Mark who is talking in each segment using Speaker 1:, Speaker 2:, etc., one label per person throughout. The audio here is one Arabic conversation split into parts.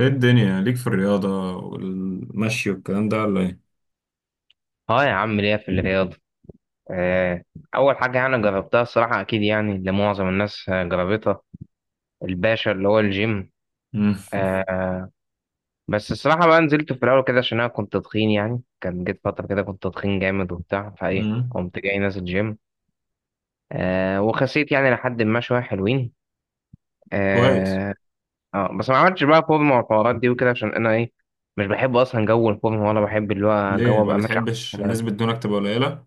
Speaker 1: ايه الدنيا ليك في الرياضة والمشي والكلام ده ولا ايه؟
Speaker 2: اه يا عم ليا في الرياضة. آه، أول حاجة يعني جربتها الصراحة، أكيد يعني اللي معظم الناس جربتها، الباشا اللي هو الجيم.
Speaker 1: مم.
Speaker 2: آه، بس الصراحة بقى نزلت في الأول كده عشان أنا كنت تخين، يعني كان جيت فترة كده كنت تخين جامد وبتاع، فإيه
Speaker 1: مم.
Speaker 2: قمت جاي نازل جيم وخسيت يعني لحد ما شوية حلوين.
Speaker 1: كويس.
Speaker 2: آه، بس ما عملتش بقى فورمة والحوارات دي وكده، عشان أنا إيه، مش بحب أصلا جو الفورمة، ولا بحب اللي هو
Speaker 1: ليه
Speaker 2: جو
Speaker 1: ما
Speaker 2: أبقى ماشي.
Speaker 1: بتحبش نسبة دهونك تبقى قليلة؟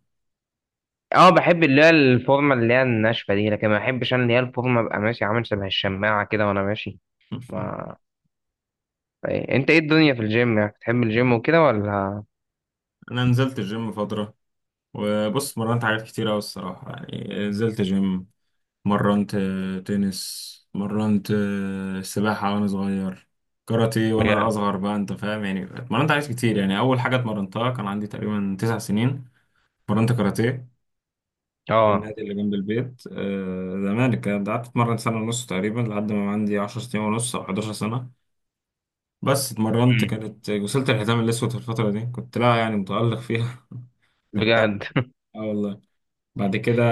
Speaker 2: اه، بحب اللي هي الفورمه اللي هي الناشفه دي، لكن ما بحبش انا اللي هي الفورمه ابقى ماشي عامل شبه الشماعه كده وانا ماشي. ما إيه. انت ايه الدنيا في الجيم، يعني بتحب الجيم وكده ولا؟
Speaker 1: انا نزلت الجيم فترة، وبص مرنت حاجات كتير اوي الصراحة، يعني نزلت جيم، مرنت تنس، مرنت سباحة وانا صغير، كاراتيه وانا
Speaker 2: بجد؟
Speaker 1: اصغر، بقى انت فاهم يعني. مرنت حاجات كتير، يعني اول حاجة اتمرنتها كان عندي تقريبا 9 سنين، مرنت كاراتيه في
Speaker 2: اه.
Speaker 1: النادي اللي جنب البيت، زمان كان قعدت اتمرن سنة ونص تقريبا لحد ما عندي 10 سنين ونص او 11 سنة. بس اتمرنت،
Speaker 2: امم.
Speaker 1: كانت وصلت الحزام الاسود في الفترة دي، كنت لا يعني متألق فيها. انت فاهم،
Speaker 2: بجد؟
Speaker 1: اه والله. بعد كده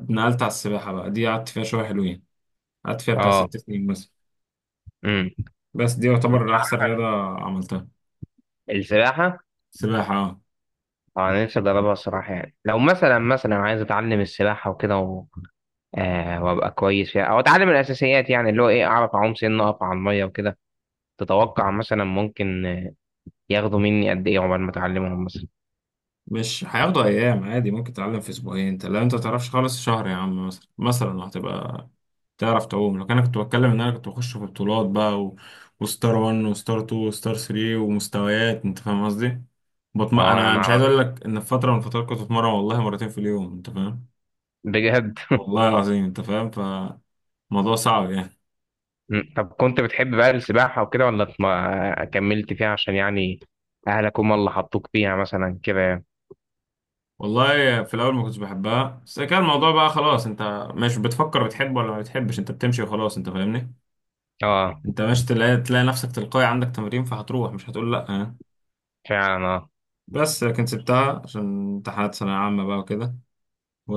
Speaker 1: نقلت على السباحة، بقى دي قعدت فيها شوية حلوين، قعدت فيها بتاع
Speaker 2: اه.
Speaker 1: 6 سنين مثلا،
Speaker 2: امم.
Speaker 1: بس دي
Speaker 2: مش
Speaker 1: يعتبر احسن
Speaker 2: عارف انا
Speaker 1: رياضة عملتها،
Speaker 2: السباحه.
Speaker 1: سباحة.
Speaker 2: اه، انا نفسي اجربها الصراحه، يعني لو مثلا عايز اتعلم السباحه وكده وابقى كويس فيها، او اتعلم الاساسيات، يعني اللي هو ايه، اعرف اعوم، سن اقف على الميه وكده. تتوقع مثلا ممكن ياخدوا مني قد ايه عقبال ما اتعلمهم مثلا؟
Speaker 1: مش هياخدوا ايام، عادي ممكن تتعلم في اسبوعين، انت لو انت تعرفش خالص، شهر يا عم، مثلا هتبقى تعرف تعوم. لو كان انا كنت بتكلم ان انا كنت بخش في بطولات بقى، وستار 1 وستار 2 وستار 3 ومستويات، انت فاهم قصدي.
Speaker 2: اه
Speaker 1: انا
Speaker 2: انا،
Speaker 1: مش عايز اقول لك ان في فتره من الفترات كنت بتمرن والله مرتين في اليوم، انت فاهم،
Speaker 2: بجد.
Speaker 1: والله العظيم، انت فاهم، فموضوع صعب يعني.
Speaker 2: طب كنت بتحب بقى السباحة وكده، ولا ما كملت فيها عشان يعني أهلك هم اللي حطوك فيها مثلا كده يعني؟
Speaker 1: والله في الاول ما كنتش بحبها، بس كان الموضوع بقى خلاص، انت مش بتفكر بتحب ولا ما بتحبش، انت بتمشي وخلاص انت فاهمني.
Speaker 2: اه
Speaker 1: انت مش تلاقي نفسك تلقائي عندك تمرين فهتروح، مش هتقول لا يعني.
Speaker 2: فعلا. اه.
Speaker 1: بس لكن سبتها عشان امتحانات ثانوية عامة بقى وكده.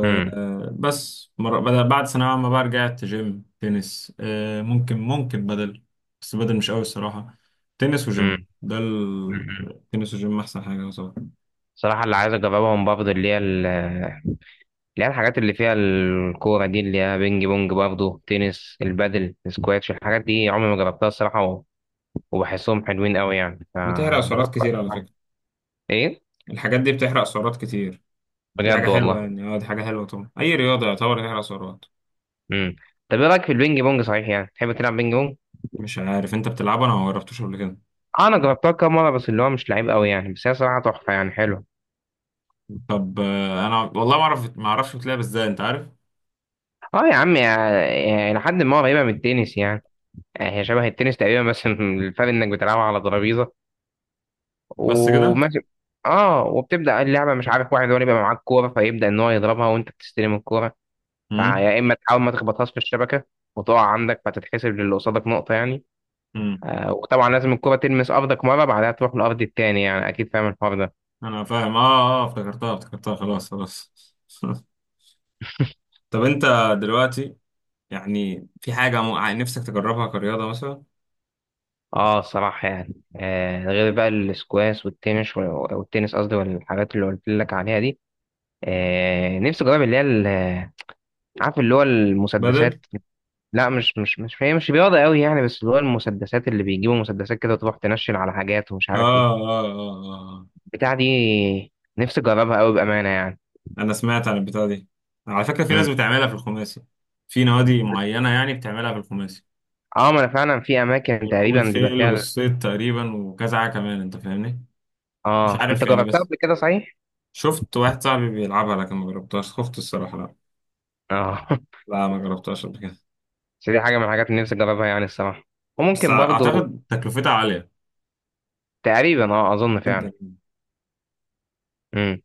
Speaker 2: امم.
Speaker 1: وبس مرة بدل، بعد ثانوية عامة بقى رجعت جيم تنس، ممكن بدل، بس بدل مش قوي الصراحة، تنس وجيم.
Speaker 2: امم. امم.
Speaker 1: تنس وجيم أحسن حاجة طبعا.
Speaker 2: صراحة اللي عايز أجربهم برضه، اللي هي الحاجات اللي فيها الكورة دي، اللي هي بينج بونج، برضه تنس، البادل، السكواتش، الحاجات دي عمري ما جربتها الصراحة وبحسهم حلوين قوي يعني،
Speaker 1: بتحرق سعرات
Speaker 2: فبفكر
Speaker 1: كتير على
Speaker 2: أتعلمها.
Speaker 1: فكرة،
Speaker 2: إيه؟
Speaker 1: الحاجات دي بتحرق سعرات كتير، دي حاجة
Speaker 2: بجد
Speaker 1: حلوة
Speaker 2: والله؟
Speaker 1: يعني، اه دي حاجة حلوة طبعا، أي رياضة يعتبر تحرق سعرات.
Speaker 2: امم. طب إيه رأيك في البينج بونج صحيح، يعني تحب تلعب بينج بونج؟
Speaker 1: مش عارف أنت بتلعبها، أنا ما جربتوش قبل كده.
Speaker 2: اه، انا جربتها كام مره، بس اللي هو مش لعيب قوي يعني، بس هي صراحه تحفه يعني، حلوه.
Speaker 1: طب انا والله ما اعرفش بتلعب ازاي انت عارف.
Speaker 2: اه يا عم، يعني لحد ما قريبه من التنس يعني، يعني هي شبه التنس تقريبا، بس الفرق انك بتلعبها على ترابيزه
Speaker 1: بس كده.
Speaker 2: وماشي. اه وبتبدا اللعبه، مش عارف، واحد هو اللي بيبقى معاك كوره، فيبدا ان هو يضربها وانت بتستلم الكوره،
Speaker 1: امم.
Speaker 2: فيا اما تحاول ما تخبطهاش في الشبكه وتقع عندك، فتتحسب للي قصادك نقطه يعني.
Speaker 1: امم.
Speaker 2: آه وطبعا لازم الكوره تلمس ارضك مره، بعدها تروح للارض التاني يعني، اكيد فاهم الحوار ده.
Speaker 1: انا فاهم اه. اه افتكرتها افتكرتها، خلاص خلاص. طب انت دلوقتي يعني، في حاجة نفسك تجربها كرياضة مثلا؟
Speaker 2: اه صراحة يعني، غير بقى الاسكواش والتنس والتنس قصدي، والحاجات اللي قلت لك عليها دي، نفسي اجرب عارف اللي هو
Speaker 1: بدل.
Speaker 2: المسدسات. لا، مش هي مش رياضة قوي يعني، بس اللي هو المسدسات، اللي بيجيبوا مسدسات كده وتروح تنشل على حاجات، ومش
Speaker 1: اه
Speaker 2: عارف ايه،
Speaker 1: اه اه آه.
Speaker 2: البتاع دي نفسي اجربها قوي بأمانة يعني.
Speaker 1: انا سمعت عن البتاعة دي، على فكرة في ناس
Speaker 2: مم.
Speaker 1: بتعملها في الخماسي، في نوادي معينة يعني بتعملها في الخماسي،
Speaker 2: اه ما انا فعلا، في اماكن
Speaker 1: وركوب
Speaker 2: تقريبا بيبقى
Speaker 1: الخيل
Speaker 2: فيها.
Speaker 1: والصيد تقريبا وكذا حاجة كمان انت فاهمني. مش
Speaker 2: اه انت
Speaker 1: عارف يعني،
Speaker 2: جربتها
Speaker 1: بس
Speaker 2: قبل كده صحيح؟
Speaker 1: شفت واحد صاحبي بيلعبها، لكن ما جربتهاش، خفت الصراحة، لا،
Speaker 2: اه
Speaker 1: لا ما جربتهاش قبل كده.
Speaker 2: بس دي حاجة من الحاجات اللي نفسي اجربها يعني الصراحة،
Speaker 1: بس
Speaker 2: وممكن برضو.
Speaker 1: أعتقد تكلفتها عالية
Speaker 2: تقريبا اه، اظن
Speaker 1: جدا
Speaker 2: فعلا.
Speaker 1: يعني.
Speaker 2: امم.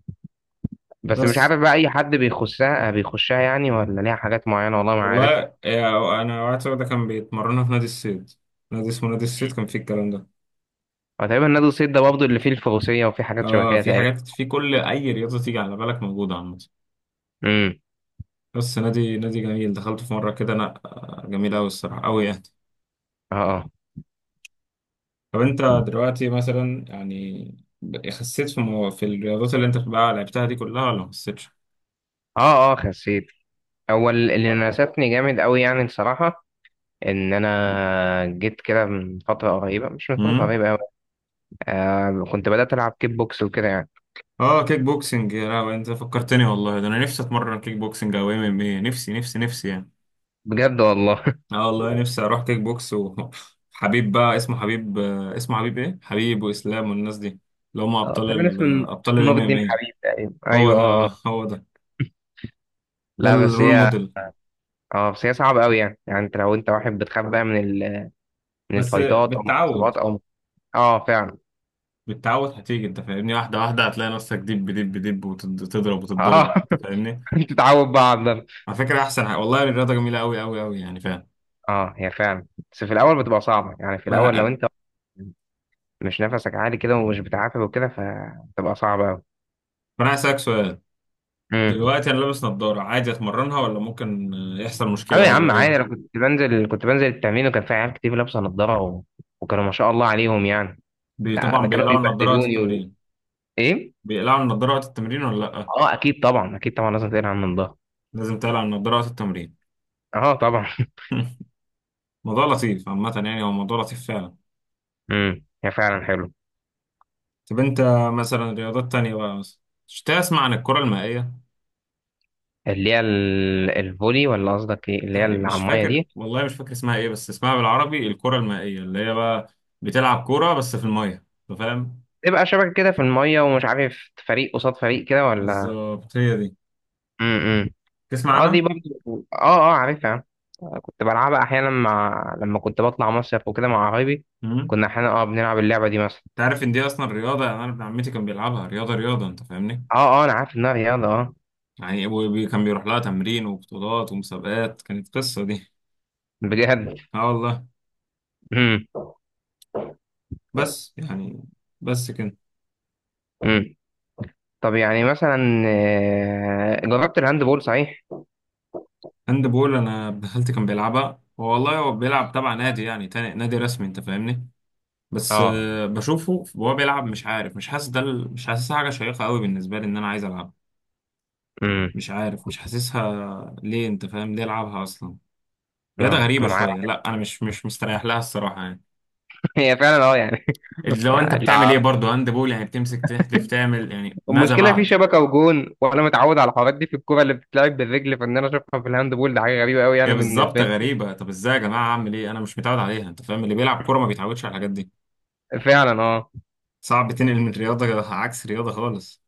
Speaker 2: بس مش
Speaker 1: بس
Speaker 2: عارف بقى، اي حد بيخشها بيخشها يعني، ولا ليها حاجات معينه، والله ما عارف.
Speaker 1: والله، أنا واحد صاحبي ده كان بيتمرنها في نادي الصيد، نادي اسمه نادي الصيد كان فيه الكلام ده.
Speaker 2: هو تقريبا نادي الصيد ده برضه اللي فيه الفروسيه وفيه حاجات شبه كده
Speaker 1: في
Speaker 2: تقريبا.
Speaker 1: حاجات، في كل أي رياضة تيجي على بالك موجودة عامة.
Speaker 2: امم.
Speaker 1: بس نادي جميل، دخلت في مرة كده أنا، جميل أوي الصراحة أوي يعني.
Speaker 2: اه اه
Speaker 1: طب أنت دلوقتي مثلا يعني، خسيت في في الرياضات اللي أنت بقى لعبتها دي كلها ولا ما خسيتش؟
Speaker 2: اه. اه خسيت. اللي ناسفني جامد قوي يعني الصراحه، ان انا جيت كده من فتره قريبه، مش من فتره قريبه قوي، كنت بدات العب كيك بوكس وكده يعني.
Speaker 1: اه كيك بوكسنج، يا لهوي، انت فكرتني والله، ده انا نفسي اتمرن كيك بوكسنج او ام ام ايه، نفسي نفسي نفسي يعني.
Speaker 2: بجد والله.
Speaker 1: اه والله نفسي اروح كيك بوكس وحبيب بقى، اسمه حبيب، اسمه حبيب ايه، حبيب واسلام والناس دي، اللي هم
Speaker 2: اه،
Speaker 1: ابطال
Speaker 2: تقريبا
Speaker 1: ال
Speaker 2: اسمه
Speaker 1: آه، ابطال
Speaker 2: اسمه نور
Speaker 1: الام ام
Speaker 2: الدين
Speaker 1: ايه.
Speaker 2: حبيب تقريبا،
Speaker 1: هو
Speaker 2: ايوه اه آه.
Speaker 1: ده، هو ده، ده
Speaker 2: لا بس
Speaker 1: الرول
Speaker 2: هي،
Speaker 1: موديل.
Speaker 2: اه بس هي صعبه قوي يعني، يعني انت لو انت واحد بتخاف بقى من
Speaker 1: بس
Speaker 2: الفايتات، او من
Speaker 1: بالتعود،
Speaker 2: الإصابات او. اه فعلا.
Speaker 1: بالتعود هتيجي انت فاهمني، واحده واحده هتلاقي نفسك دب دب دب، وتضرب
Speaker 2: اه
Speaker 1: وتتضرب انت فاهمني.
Speaker 2: تتعود بقى على الضغط.
Speaker 1: على فكره احسن حاجة. والله الرياضه جميله قوي قوي قوي يعني فاهم.
Speaker 2: اه هي فعلا. بس في الاول بتبقى صعبه يعني، في
Speaker 1: ما
Speaker 2: الاول لو
Speaker 1: انا
Speaker 2: انت مش نفسك عالي كده، ومش بتعافى وكده، فبتبقى صعبه قوي.
Speaker 1: ما انا هسألك سؤال.
Speaker 2: امم.
Speaker 1: دلوقتي انا لابس نظارة، عادي اتمرنها ولا ممكن يحصل
Speaker 2: ايوه
Speaker 1: مشكلة
Speaker 2: يا
Speaker 1: ولا
Speaker 2: عم عادي، انا
Speaker 1: ايه؟
Speaker 2: كنت بنزل التمرين، وكان في عيال كتير لابسه نضاره وكانوا ما شاء الله عليهم يعني. لا ده
Speaker 1: طبعا
Speaker 2: كانوا
Speaker 1: بيقلعوا النظارة وقت
Speaker 2: بيبهدلوني
Speaker 1: التمرين.
Speaker 2: ايه.
Speaker 1: بيقلعوا النظارة وقت التمرين ولا لا؟
Speaker 2: اه اكيد طبعا، اكيد طبعا لازم تقلع عن الضهر.
Speaker 1: لازم تقلع النظارة وقت التمرين.
Speaker 2: اه طبعا.
Speaker 1: موضوع لطيف عامة يعني، هو موضوع لطيف فعلا.
Speaker 2: هي فعلا حلو.
Speaker 1: طب انت مثلا، رياضات تانية بقى مثلا، مش تسمع عن الكرة المائية؟
Speaker 2: الفولي، ولا قصدك ايه اللي هي
Speaker 1: تقريبا
Speaker 2: اللي
Speaker 1: مش
Speaker 2: على الميه
Speaker 1: فاكر
Speaker 2: دي؟
Speaker 1: والله، مش فاكر اسمها ايه، بس اسمها بالعربي الكرة المائية، اللي هي بقى بتلعب كورة بس في المية أنت فاهم.
Speaker 2: تبقى شبكة كده في المية، ومش عارف فريق قصاد فريق كده ولا؟
Speaker 1: بالظبط هي دي.
Speaker 2: امم. اه دي
Speaker 1: تسمع
Speaker 2: برضه، اه اه عارفها، كنت بلعبها احيانا، مع لما كنت بطلع مصيف وكده مع قرايبي،
Speaker 1: عنها؟
Speaker 2: كنا احيانا اه بنلعب اللعبة دي مثلا.
Speaker 1: تعرف ان دي اصلا رياضه؟ يعني انا ابن عمتي كان بيلعبها رياضه رياضه انت فاهمني.
Speaker 2: اه اه انا عارف انها رياضة اه.
Speaker 1: يعني ابوي كان بيروح لها تمرين وبطولات ومسابقات، كانت قصه دي.
Speaker 2: بجد؟
Speaker 1: اه والله.
Speaker 2: امم.
Speaker 1: بس يعني، بس كده.
Speaker 2: امم. طب يعني مثلا جربت الهاند بول صحيح؟
Speaker 1: هاند بول، انا ابن خالتي كان بيلعبها، هو والله هو بيلعب تبع نادي، يعني تاني نادي رسمي انت فاهمني. بس
Speaker 2: اه.
Speaker 1: بشوفه وهو بيلعب، مش عارف، مش حاسس، مش حاسسها حاجه شيقه قوي بالنسبه لي ان انا عايز العبها.
Speaker 2: امم.
Speaker 1: مش عارف مش حاسسها ليه، انت فاهم ليه العبها اصلا؟ رياضه
Speaker 2: اه انا
Speaker 1: غريبه
Speaker 2: معايا.
Speaker 1: شويه، لا انا مش مستريح لها الصراحه يعني.
Speaker 2: هي فعلا اه يعني.
Speaker 1: لو انت
Speaker 2: يعني
Speaker 1: بتعمل ايه برضه هاند بول يعني، بتمسك تحدف تعمل يعني ماذا
Speaker 2: المشكله في
Speaker 1: بعد؟
Speaker 2: شبكه وجون، وانا متعود على الحوارات دي في الكوره اللي بتتلعب بالرجل، فان انا اشوفها في الهاند بول ده حاجه غريبه قوي
Speaker 1: هي
Speaker 2: يعني
Speaker 1: بالظبط
Speaker 2: بالنسبه
Speaker 1: غريبة. طب ازاي يا جماعة، اعمل ايه، انا مش متعود عليها انت فاهم، اللي بيلعب كورة ما بيتعودش على الحاجات دي.
Speaker 2: لي فعلا اه.
Speaker 1: صعب تنقل من رياضة عكس رياضة خالص.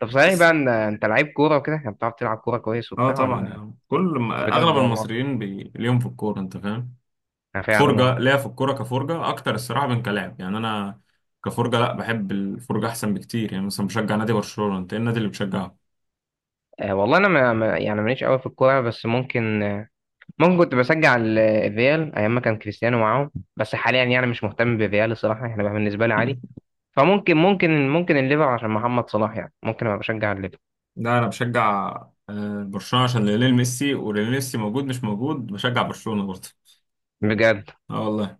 Speaker 2: طب صحيح بقى
Speaker 1: بس-
Speaker 2: ان انت لعيب كوره وكده يعني، بتعرف تلعب كوره كويس
Speaker 1: اه
Speaker 2: وبتاع
Speaker 1: طبعا
Speaker 2: ولا؟
Speaker 1: يعني، كل ما اغلب
Speaker 2: بجد والله.
Speaker 1: المصريين ليهم في الكورة انت فاهم،
Speaker 2: انا فعلا اه.
Speaker 1: فرجة ليا في الكورة، كفرجة اكتر الصراحة من كلاعب يعني. انا كفرجة، لا بحب الفرجة احسن بكتير، يعني مثلا بشجع نادي برشلونة، انت ايه النادي اللي بتشجعه؟
Speaker 2: والله انا يعني ماليش قوي في الكوره، بس ممكن ممكن كنت بشجع الريال ايام ما كان كريستيانو معاهم، بس حاليا يعني مش مهتم بالريال الصراحه يعني، بقى بالنسبه لي عادي. فممكن ممكن ممكن الليفر عشان محمد صلاح يعني، ممكن ابقى بشجع الليفر.
Speaker 1: لا انا بشجع برشلونه عشان ليونيل ميسي، وليونيل ميسي موجود مش موجود بشجع برشلونه برضه.
Speaker 2: بجد.
Speaker 1: اه والله.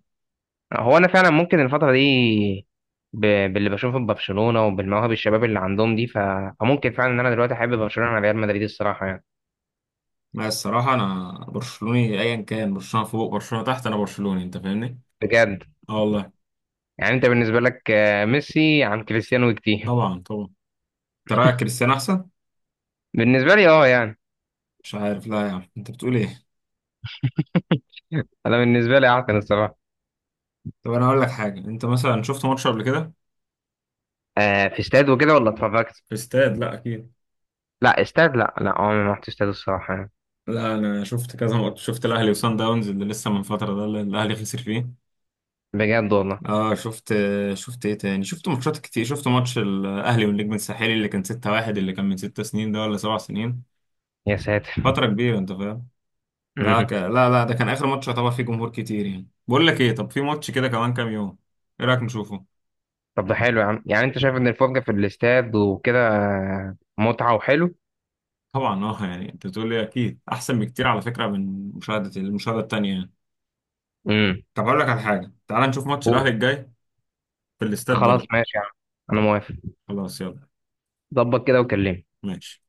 Speaker 2: هو انا فعلا ممكن الفتره دي ب... باللي بشوفه في برشلونه، وبالمواهب الشباب اللي عندهم دي، فممكن فعلا ان انا دلوقتي احب برشلونه عن ريال مدريد الصراحه يعني.
Speaker 1: لا الصراحه انا برشلوني، ايا كان برشلونه فوق برشلونه تحت انا برشلوني انت فاهمني.
Speaker 2: بجد.
Speaker 1: اه والله.
Speaker 2: يعني انت بالنسبه لك ميسي عن كريستيانو كتير.
Speaker 1: طبعا طبعا. انت رايك كريستيانو احسن؟
Speaker 2: بالنسبه لي اه يعني،
Speaker 1: مش عارف، لا يا عم، انت بتقول ايه.
Speaker 2: انا بالنسبه لي اعتقد الصراحه.
Speaker 1: طب انا اقول لك حاجه، انت مثلا شفت ماتش قبل كده
Speaker 2: في استاد وكده، ولا اتفرجت؟
Speaker 1: في استاد؟ لا اكيد.
Speaker 2: لا استاد، لا لا عمري ما رحت استاد الصراحه يعني.
Speaker 1: لا انا شفت كذا ماتش، شفت الاهلي وصن داونز اللي لسه من فتره ده، اللي الاهلي خسر فيه.
Speaker 2: بجد والله.
Speaker 1: اه شفت. شفت ايه تاني، شفت ماتشات كتير، شفت ماتش الاهلي والنجم الساحلي اللي كان 6-1، اللي كان من 6 سنين ده ولا 7 سنين،
Speaker 2: يا ساتر.
Speaker 1: فترة كبيرة انت فاهم. لا لا لا ده كان اخر ماتش يعتبر فيه جمهور كتير يعني. بقول لك ايه، طب في ماتش كده كمان كام يوم، ايه رايك نشوفه؟
Speaker 2: طب ده حلو يا عم يعني، انت شايف ان الفرجه في الاستاد وكده متعه وحلو؟
Speaker 1: طبعا اه يعني، انت بتقول لي اكيد احسن بكتير على فكرة من المشاهدة التانية يعني.
Speaker 2: امم.
Speaker 1: طب هقول لك على حاجة، تعال نشوف ماتش الاهلي الجاي في الاستاد
Speaker 2: خلاص
Speaker 1: برضه.
Speaker 2: ماشي يا عم، انا موافق.
Speaker 1: خلاص يلا
Speaker 2: ظبط كده وكلمني.
Speaker 1: ماشي.